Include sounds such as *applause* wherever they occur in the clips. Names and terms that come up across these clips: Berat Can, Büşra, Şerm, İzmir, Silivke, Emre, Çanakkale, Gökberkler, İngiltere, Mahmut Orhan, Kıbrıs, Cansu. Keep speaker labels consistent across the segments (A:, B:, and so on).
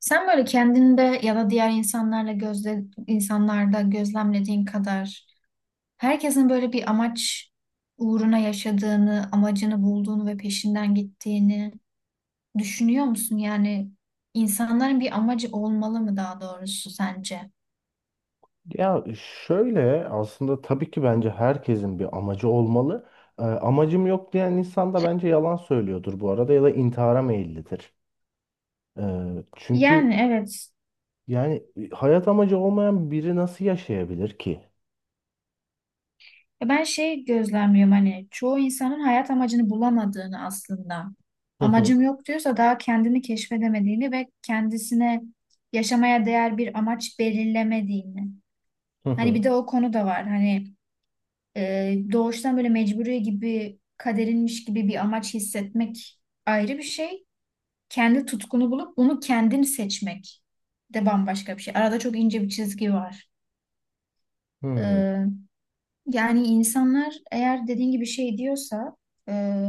A: Sen böyle kendinde ya da diğer insanlarla insanlarda gözlemlediğin kadar herkesin böyle bir amaç uğruna yaşadığını, amacını bulduğunu ve peşinden gittiğini düşünüyor musun? Yani insanların bir amacı olmalı mı daha doğrusu sence?
B: Ya şöyle aslında tabii ki bence herkesin bir amacı olmalı. Amacım yok diyen insan da bence yalan söylüyordur bu arada ya da intihara meyillidir. Ee,
A: Yani
B: çünkü
A: evet.
B: yani hayat amacı olmayan biri nasıl yaşayabilir ki?
A: Ben gözlemliyorum hani çoğu insanın hayat amacını bulamadığını aslında.
B: Hı hı,
A: Amacım yok diyorsa daha kendini keşfedemediğini ve kendisine yaşamaya değer bir amaç belirlemediğini.
B: hı
A: Hani bir
B: hı,
A: de o konu da var. Hani doğuştan böyle mecburi gibi kaderinmiş gibi bir amaç hissetmek ayrı bir şey. Kendi tutkunu bulup bunu kendin seçmek de bambaşka bir şey. Arada çok ince bir çizgi var.
B: hı hı,
A: E, Yani insanlar eğer dediğin gibi diyorsa e,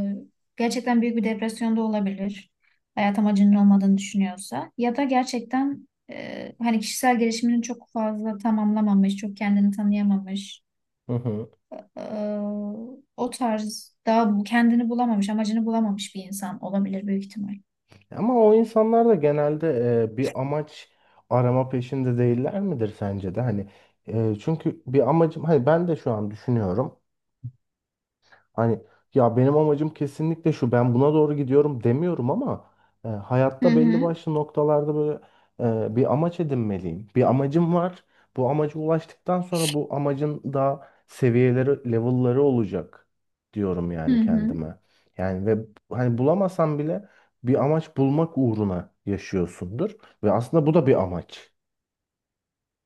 A: gerçekten büyük bir depresyonda olabilir. Hayat amacının olmadığını düşünüyorsa ya da gerçekten hani kişisel gelişimini çok fazla tamamlamamış, çok kendini tanıyamamış.
B: hı hı.
A: Ee, O tarz daha kendini bulamamış, amacını bulamamış bir insan olabilir büyük ihtimal.
B: Ama o insanlar da genelde bir amaç arama peşinde değiller midir sence de? Hani çünkü bir amacım hani ben de şu an düşünüyorum. Hani ya benim amacım kesinlikle şu, ben buna doğru gidiyorum demiyorum ama
A: Hı
B: hayatta belli
A: hı.
B: başlı noktalarda böyle bir amaç edinmeliyim. Bir amacım var. Bu amaca ulaştıktan sonra bu amacın daha seviyeleri, level'ları olacak diyorum
A: Hı
B: yani
A: hı.
B: kendime. Yani ve hani bulamasan bile bir amaç bulmak uğruna yaşıyorsundur ve aslında bu da bir amaç.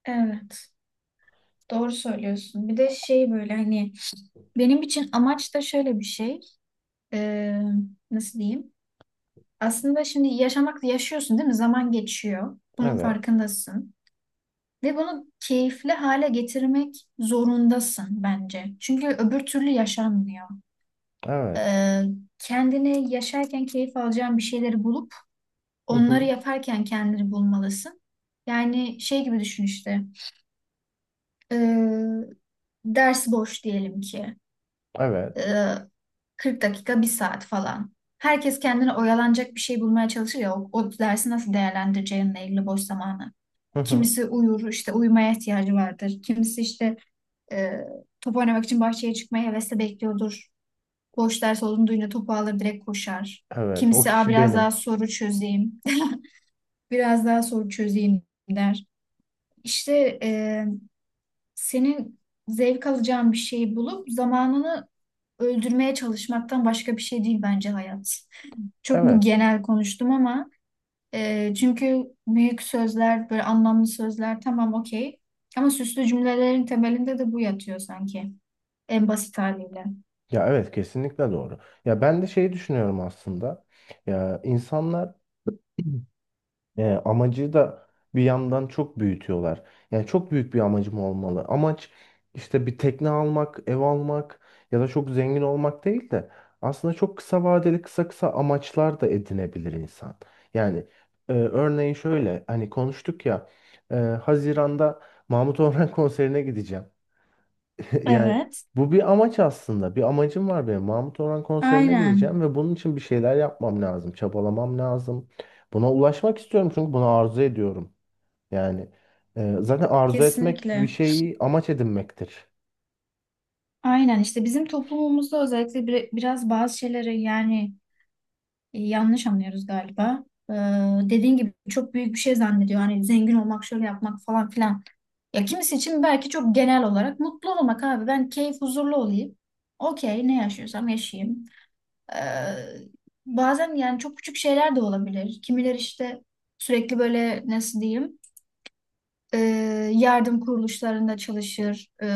A: Evet. Doğru söylüyorsun. Bir de böyle hani benim için amaç da şöyle bir şey. Ee, Nasıl diyeyim? Aslında şimdi yaşıyorsun değil mi? Zaman geçiyor. Bunun
B: Evet.
A: farkındasın. Ve bunu keyifli hale getirmek zorundasın bence. Çünkü öbür türlü yaşanmıyor.
B: Evet.
A: Ee, Kendini yaşarken keyif alacağın bir şeyleri bulup
B: Hı
A: onları
B: hı.
A: yaparken kendini bulmalısın. Yani gibi düşün işte. e, Ders boş diyelim ki. e,
B: Evet.
A: 40 dakika, bir saat falan. Herkes kendine oyalanacak bir şey bulmaya çalışır ya. O dersi nasıl değerlendireceğinle ilgili boş zamanı.
B: Hı hı.
A: Kimisi uyur, işte uyumaya ihtiyacı vardır. Kimisi işte e, top oynamak için bahçeye çıkmaya hevesle bekliyordur. Boş ders olduğunu duyunca topu alır direkt koşar.
B: Evet. O
A: Kimisi aa,
B: kişi
A: biraz daha
B: benim.
A: soru çözeyim, *laughs* biraz daha soru çözeyim der. İşte senin zevk alacağın bir şeyi bulup zamanını öldürmeye çalışmaktan başka bir şey değil bence hayat. Çok mu
B: Evet.
A: genel konuştum? Ama çünkü büyük sözler, böyle anlamlı sözler, tamam, okey. Ama süslü cümlelerin temelinde de bu yatıyor sanki, en basit haliyle.
B: Ya evet, kesinlikle doğru. Ya ben de şeyi düşünüyorum aslında. Ya insanlar *clears throat* amacı da bir yandan çok büyütüyorlar. Yani çok büyük bir amacım olmalı. Amaç işte bir tekne almak, ev almak ya da çok zengin olmak değil de aslında çok kısa vadeli kısa kısa amaçlar da edinebilir insan. Yani örneğin şöyle hani konuştuk ya, Haziran'da Mahmut Orhan *laughs* konserine gideceğim. *laughs* Yani
A: Evet.
B: bu bir amaç aslında. Bir amacım var benim. Mahmut Orhan konserine gideceğim
A: Aynen.
B: ve bunun için bir şeyler yapmam lazım. Çabalamam lazım. Buna ulaşmak istiyorum çünkü bunu arzu ediyorum. Yani zaten arzu etmek bir
A: Kesinlikle.
B: şeyi amaç edinmektir.
A: Aynen işte bizim toplumumuzda özellikle biraz bazı şeyleri yani yanlış anlıyoruz galiba. Ee, Dediğin gibi çok büyük bir şey zannediyor. Hani zengin olmak, şöyle yapmak falan filan. Ya kimisi için belki çok genel olarak mutlu olmak abi. Ben keyif huzurlu olayım. Okey, ne yaşıyorsam yaşayayım. Ee, Bazen yani çok küçük şeyler de olabilir. Kimiler işte sürekli böyle nasıl diyeyim, e, yardım kuruluşlarında çalışır. E,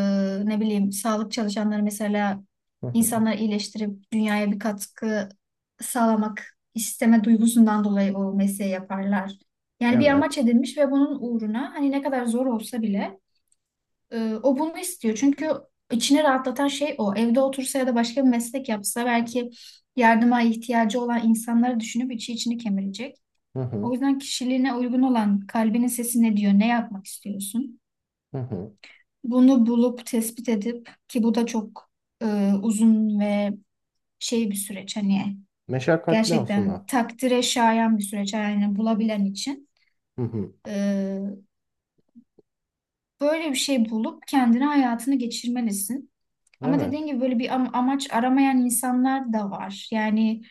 A: ne bileyim sağlık çalışanları mesela
B: Hı hı.
A: insanları iyileştirip dünyaya bir katkı sağlamak isteme duygusundan dolayı o mesleği yaparlar. Yani bir amaç
B: Evet.
A: edinmiş ve bunun uğruna hani ne kadar zor olsa bile o bunu istiyor. Çünkü içini rahatlatan şey o. Evde otursa ya da başka bir meslek yapsa belki yardıma ihtiyacı olan insanları düşünüp içi içini kemirecek.
B: Hı
A: O
B: hı.
A: yüzden kişiliğine uygun olan, kalbinin sesi ne diyor, ne yapmak istiyorsun?
B: Hı hı.
A: Bunu bulup tespit edip, ki bu da çok e, uzun ve bir süreç, hani
B: Meşakkatli
A: gerçekten
B: aslında.
A: takdire şayan bir süreç yani bulabilen için.
B: Hı hı.
A: E, Böyle bir şey bulup kendine hayatını geçirmelisin. Ama
B: Evet.
A: dediğin gibi böyle bir amaç aramayan insanlar da var. Yani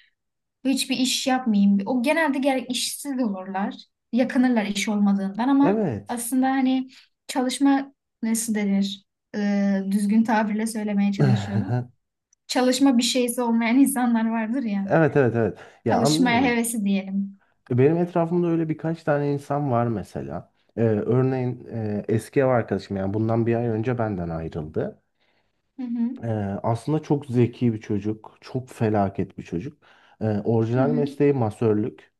A: hiçbir iş yapmayayım. O genelde gerek işsiz olurlar. Yakınırlar iş olmadığından ama
B: Evet.
A: aslında hani çalışma, nasıl denir? E, düzgün tabirle söylemeye çalışıyorum,
B: *laughs*
A: çalışma bir şeysi olmayan insanlar vardır ya.
B: Evet, evet, evet. Ya
A: Çalışmaya
B: anlıyorum.
A: hevesi diyelim.
B: Benim etrafımda öyle birkaç tane insan var mesela. Örneğin eski ev arkadaşım yani bundan bir ay önce benden ayrıldı.
A: Hı hı.
B: Ee, Aslında çok zeki bir çocuk, çok felaket bir çocuk.
A: Hı
B: Orijinal
A: hı.
B: mesleği masörlük.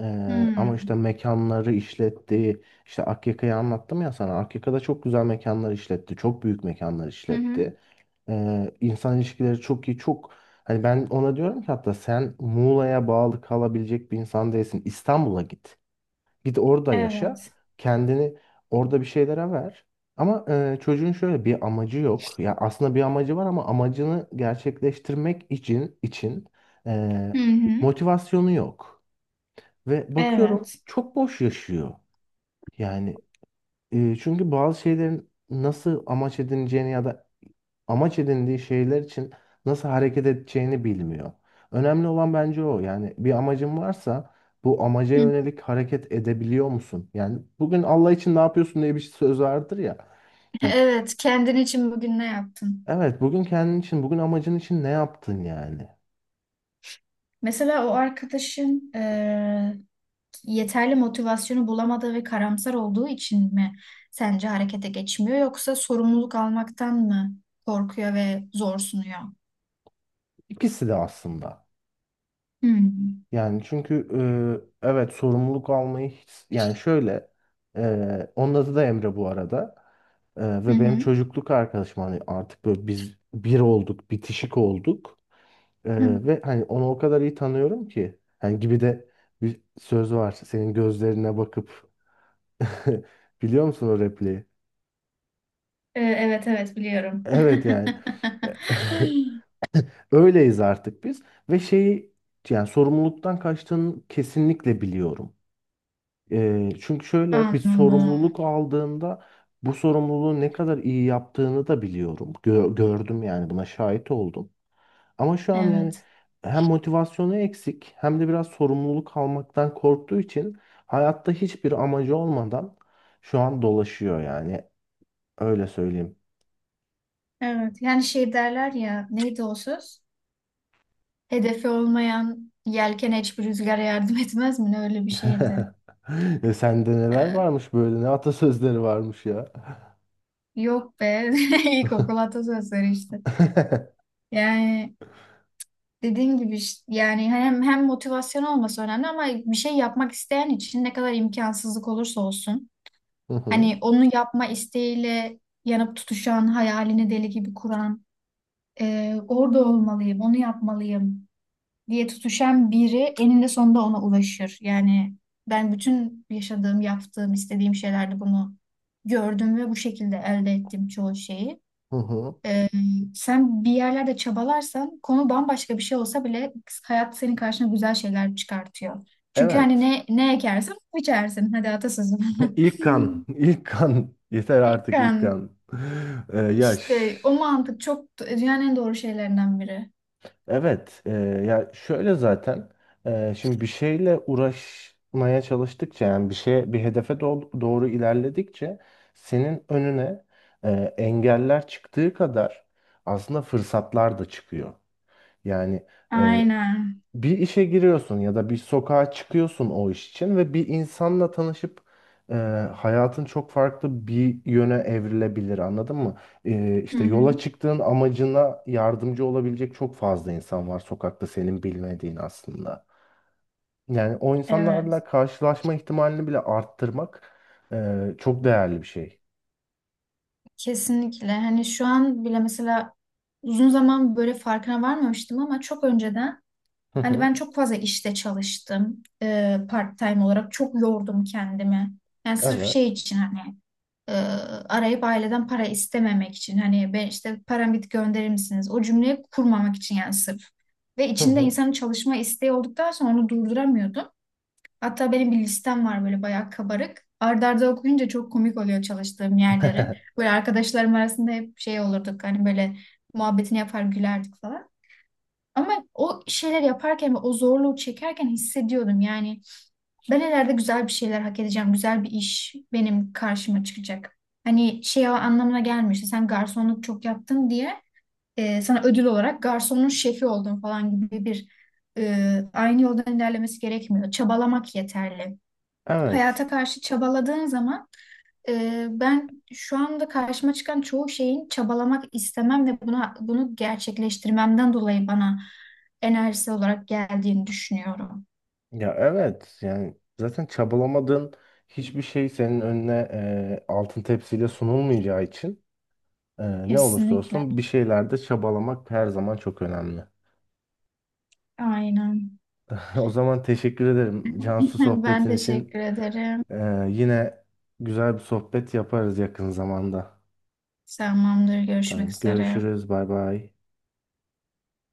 B: Ama işte
A: Hmm.
B: mekanları işletti. İşte Akyaka'yı anlattım ya sana. Akyaka'da çok güzel mekanlar işletti. Çok büyük mekanlar
A: Hı hı.
B: işletti. İnsan ilişkileri çok iyi, çok. Hani ben ona diyorum ki hatta sen Muğla'ya bağlı kalabilecek bir insan değilsin. İstanbul'a git. Git orada yaşa.
A: Evet.
B: Kendini orada bir şeylere ver. Ama çocuğun şöyle bir amacı yok. Ya aslında bir amacı var ama amacını gerçekleştirmek için
A: Hı
B: e,
A: hı.
B: motivasyonu yok. Ve bakıyorum
A: Evet.
B: çok boş yaşıyor. Yani çünkü bazı şeylerin nasıl amaç edineceğini ya da amaç edindiği şeyler için nasıl hareket edeceğini bilmiyor. Önemli olan bence o. Yani bir amacın varsa bu amaca
A: Hı.
B: yönelik hareket edebiliyor musun? Yani bugün Allah için ne yapıyorsun diye bir şey, söz vardır ya. Hani,
A: Evet. Kendin için bugün ne yaptın?
B: evet, bugün kendin için, bugün amacın için ne yaptın yani?
A: Mesela o arkadaşın yeterli motivasyonu bulamadığı ve karamsar olduğu için mi sence harekete geçmiyor, yoksa sorumluluk almaktan mı korkuyor ve zor sunuyor?
B: İkisi de aslında.
A: Hmm.
B: Yani çünkü evet, sorumluluk almayı hiç, yani şöyle, onun adı da Emre bu arada. Ve benim
A: Hı
B: çocukluk arkadaşım, hani artık böyle biz bir olduk, bitişik olduk. E,
A: hı.
B: Ve hani onu o kadar iyi tanıyorum ki, hani gibi de bir söz var, senin gözlerine bakıp *laughs* biliyor musun o repliği?
A: Evet, evet, biliyorum.
B: Evet yani *laughs* öyleyiz artık biz ve şeyi, yani sorumluluktan kaçtığını kesinlikle biliyorum. Çünkü şöyle bir
A: *laughs* Anladım.
B: sorumluluk aldığında bu sorumluluğu ne kadar iyi yaptığını da biliyorum. Gördüm yani, buna şahit oldum. Ama şu an yani
A: Evet.
B: hem motivasyonu eksik hem de biraz sorumluluk almaktan korktuğu için hayatta hiçbir amacı olmadan şu an dolaşıyor yani. Öyle söyleyeyim.
A: Evet. Yani şey derler ya, neydi o söz? Hedefi olmayan yelken hiçbir rüzgara yardım etmez mi? Ne öyle bir şeydi.
B: *laughs* E, sende neler
A: Ee,
B: varmış böyle, ne atasözleri varmış ya.
A: Yok be. *laughs* İlkokul atasözleri işte.
B: *laughs*
A: Yani dediğim gibi yani hem motivasyon olması önemli ama bir şey yapmak isteyen için ne kadar imkansızlık olursa olsun.
B: Hı hı,
A: Hani onu yapma isteğiyle yanıp tutuşan, hayalini deli gibi kuran, orada olmalıyım, onu yapmalıyım diye tutuşan biri eninde sonunda ona ulaşır. Yani ben bütün yaşadığım, yaptığım, istediğim şeylerde bunu gördüm ve bu şekilde elde ettim çoğu şeyi.
B: hı hı.
A: E, Sen bir yerlerde çabalarsan konu bambaşka bir şey olsa bile hayat senin karşına güzel şeyler çıkartıyor. Çünkü hani
B: Evet.
A: ne ekersen onu biçersin. Hadi atasözüm. *laughs*
B: İlk kan, ilk kan. *laughs* Yeter artık ilk
A: Yani
B: kan. *laughs* Ee, ya ş-
A: işte o mantık çok dünyanın en doğru şeylerinden biri.
B: evet, ya şöyle zaten şimdi bir şeyle uğraşmaya çalıştıkça, yani bir şeye bir hedefe doğru ilerledikçe senin önüne e, engeller çıktığı kadar aslında fırsatlar da çıkıyor. Yani e,
A: Aynen.
B: bir işe giriyorsun ya da bir sokağa çıkıyorsun o iş için ve bir insanla tanışıp e, hayatın çok farklı bir yöne evrilebilir, anladın mı?
A: Hı
B: İşte
A: hı.
B: yola çıktığın amacına yardımcı olabilecek çok fazla insan var sokakta, senin bilmediğin aslında. Yani o
A: Evet,
B: insanlarla karşılaşma ihtimalini bile arttırmak çok değerli bir şey.
A: kesinlikle. Hani şu an bile mesela uzun zaman böyle farkına varmamıştım ama çok önceden
B: Hı
A: hani ben
B: hı.
A: çok fazla işte çalıştım, part-time olarak. Çok yordum kendimi. Yani sırf
B: Evet.
A: için, hani e, arayıp aileden para istememek için. Hani ben işte param bitti, gönderir misiniz? O cümleyi kurmamak için yani sırf. Ve
B: Hı
A: içinde
B: hı.
A: insanın çalışma isteği olduktan sonra onu durduramıyordum. Hatta benim bir listem var böyle bayağı kabarık. Arda arda okuyunca çok komik oluyor çalıştığım yerleri.
B: *laughs*
A: Böyle arkadaşlarım arasında hep olurduk hani böyle muhabbetini yapar gülerdik falan. Ama o şeyler yaparken ve o zorluğu çekerken hissediyordum yani ben ileride güzel bir şeyler hak edeceğim. Güzel bir iş benim karşıma çıkacak. Hani anlamına gelmişti, sen garsonluk çok yaptın diye sana ödül olarak garsonun şefi oldun falan gibi bir aynı yoldan ilerlemesi gerekmiyor. Çabalamak yeterli,
B: Evet.
A: hayata karşı çabaladığın zaman. Ben şu anda karşıma çıkan çoğu şeyin çabalamak istemem ve bunu gerçekleştirmemden dolayı bana enerjisi olarak geldiğini düşünüyorum.
B: Ya evet, yani zaten çabalamadığın hiçbir şey senin önüne altın tepsiyle sunulmayacağı için ne olursa
A: Kesinlikle.
B: olsun bir şeylerde çabalamak her zaman çok önemli.
A: Aynen.
B: *laughs* O zaman teşekkür ederim Cansu,
A: *laughs* Ben
B: sohbetin için.
A: teşekkür ederim.
B: E, Yine güzel bir sohbet yaparız yakın zamanda.
A: Tamamdır. Görüşmek
B: Tamam,
A: üzere.
B: görüşürüz, bay bay.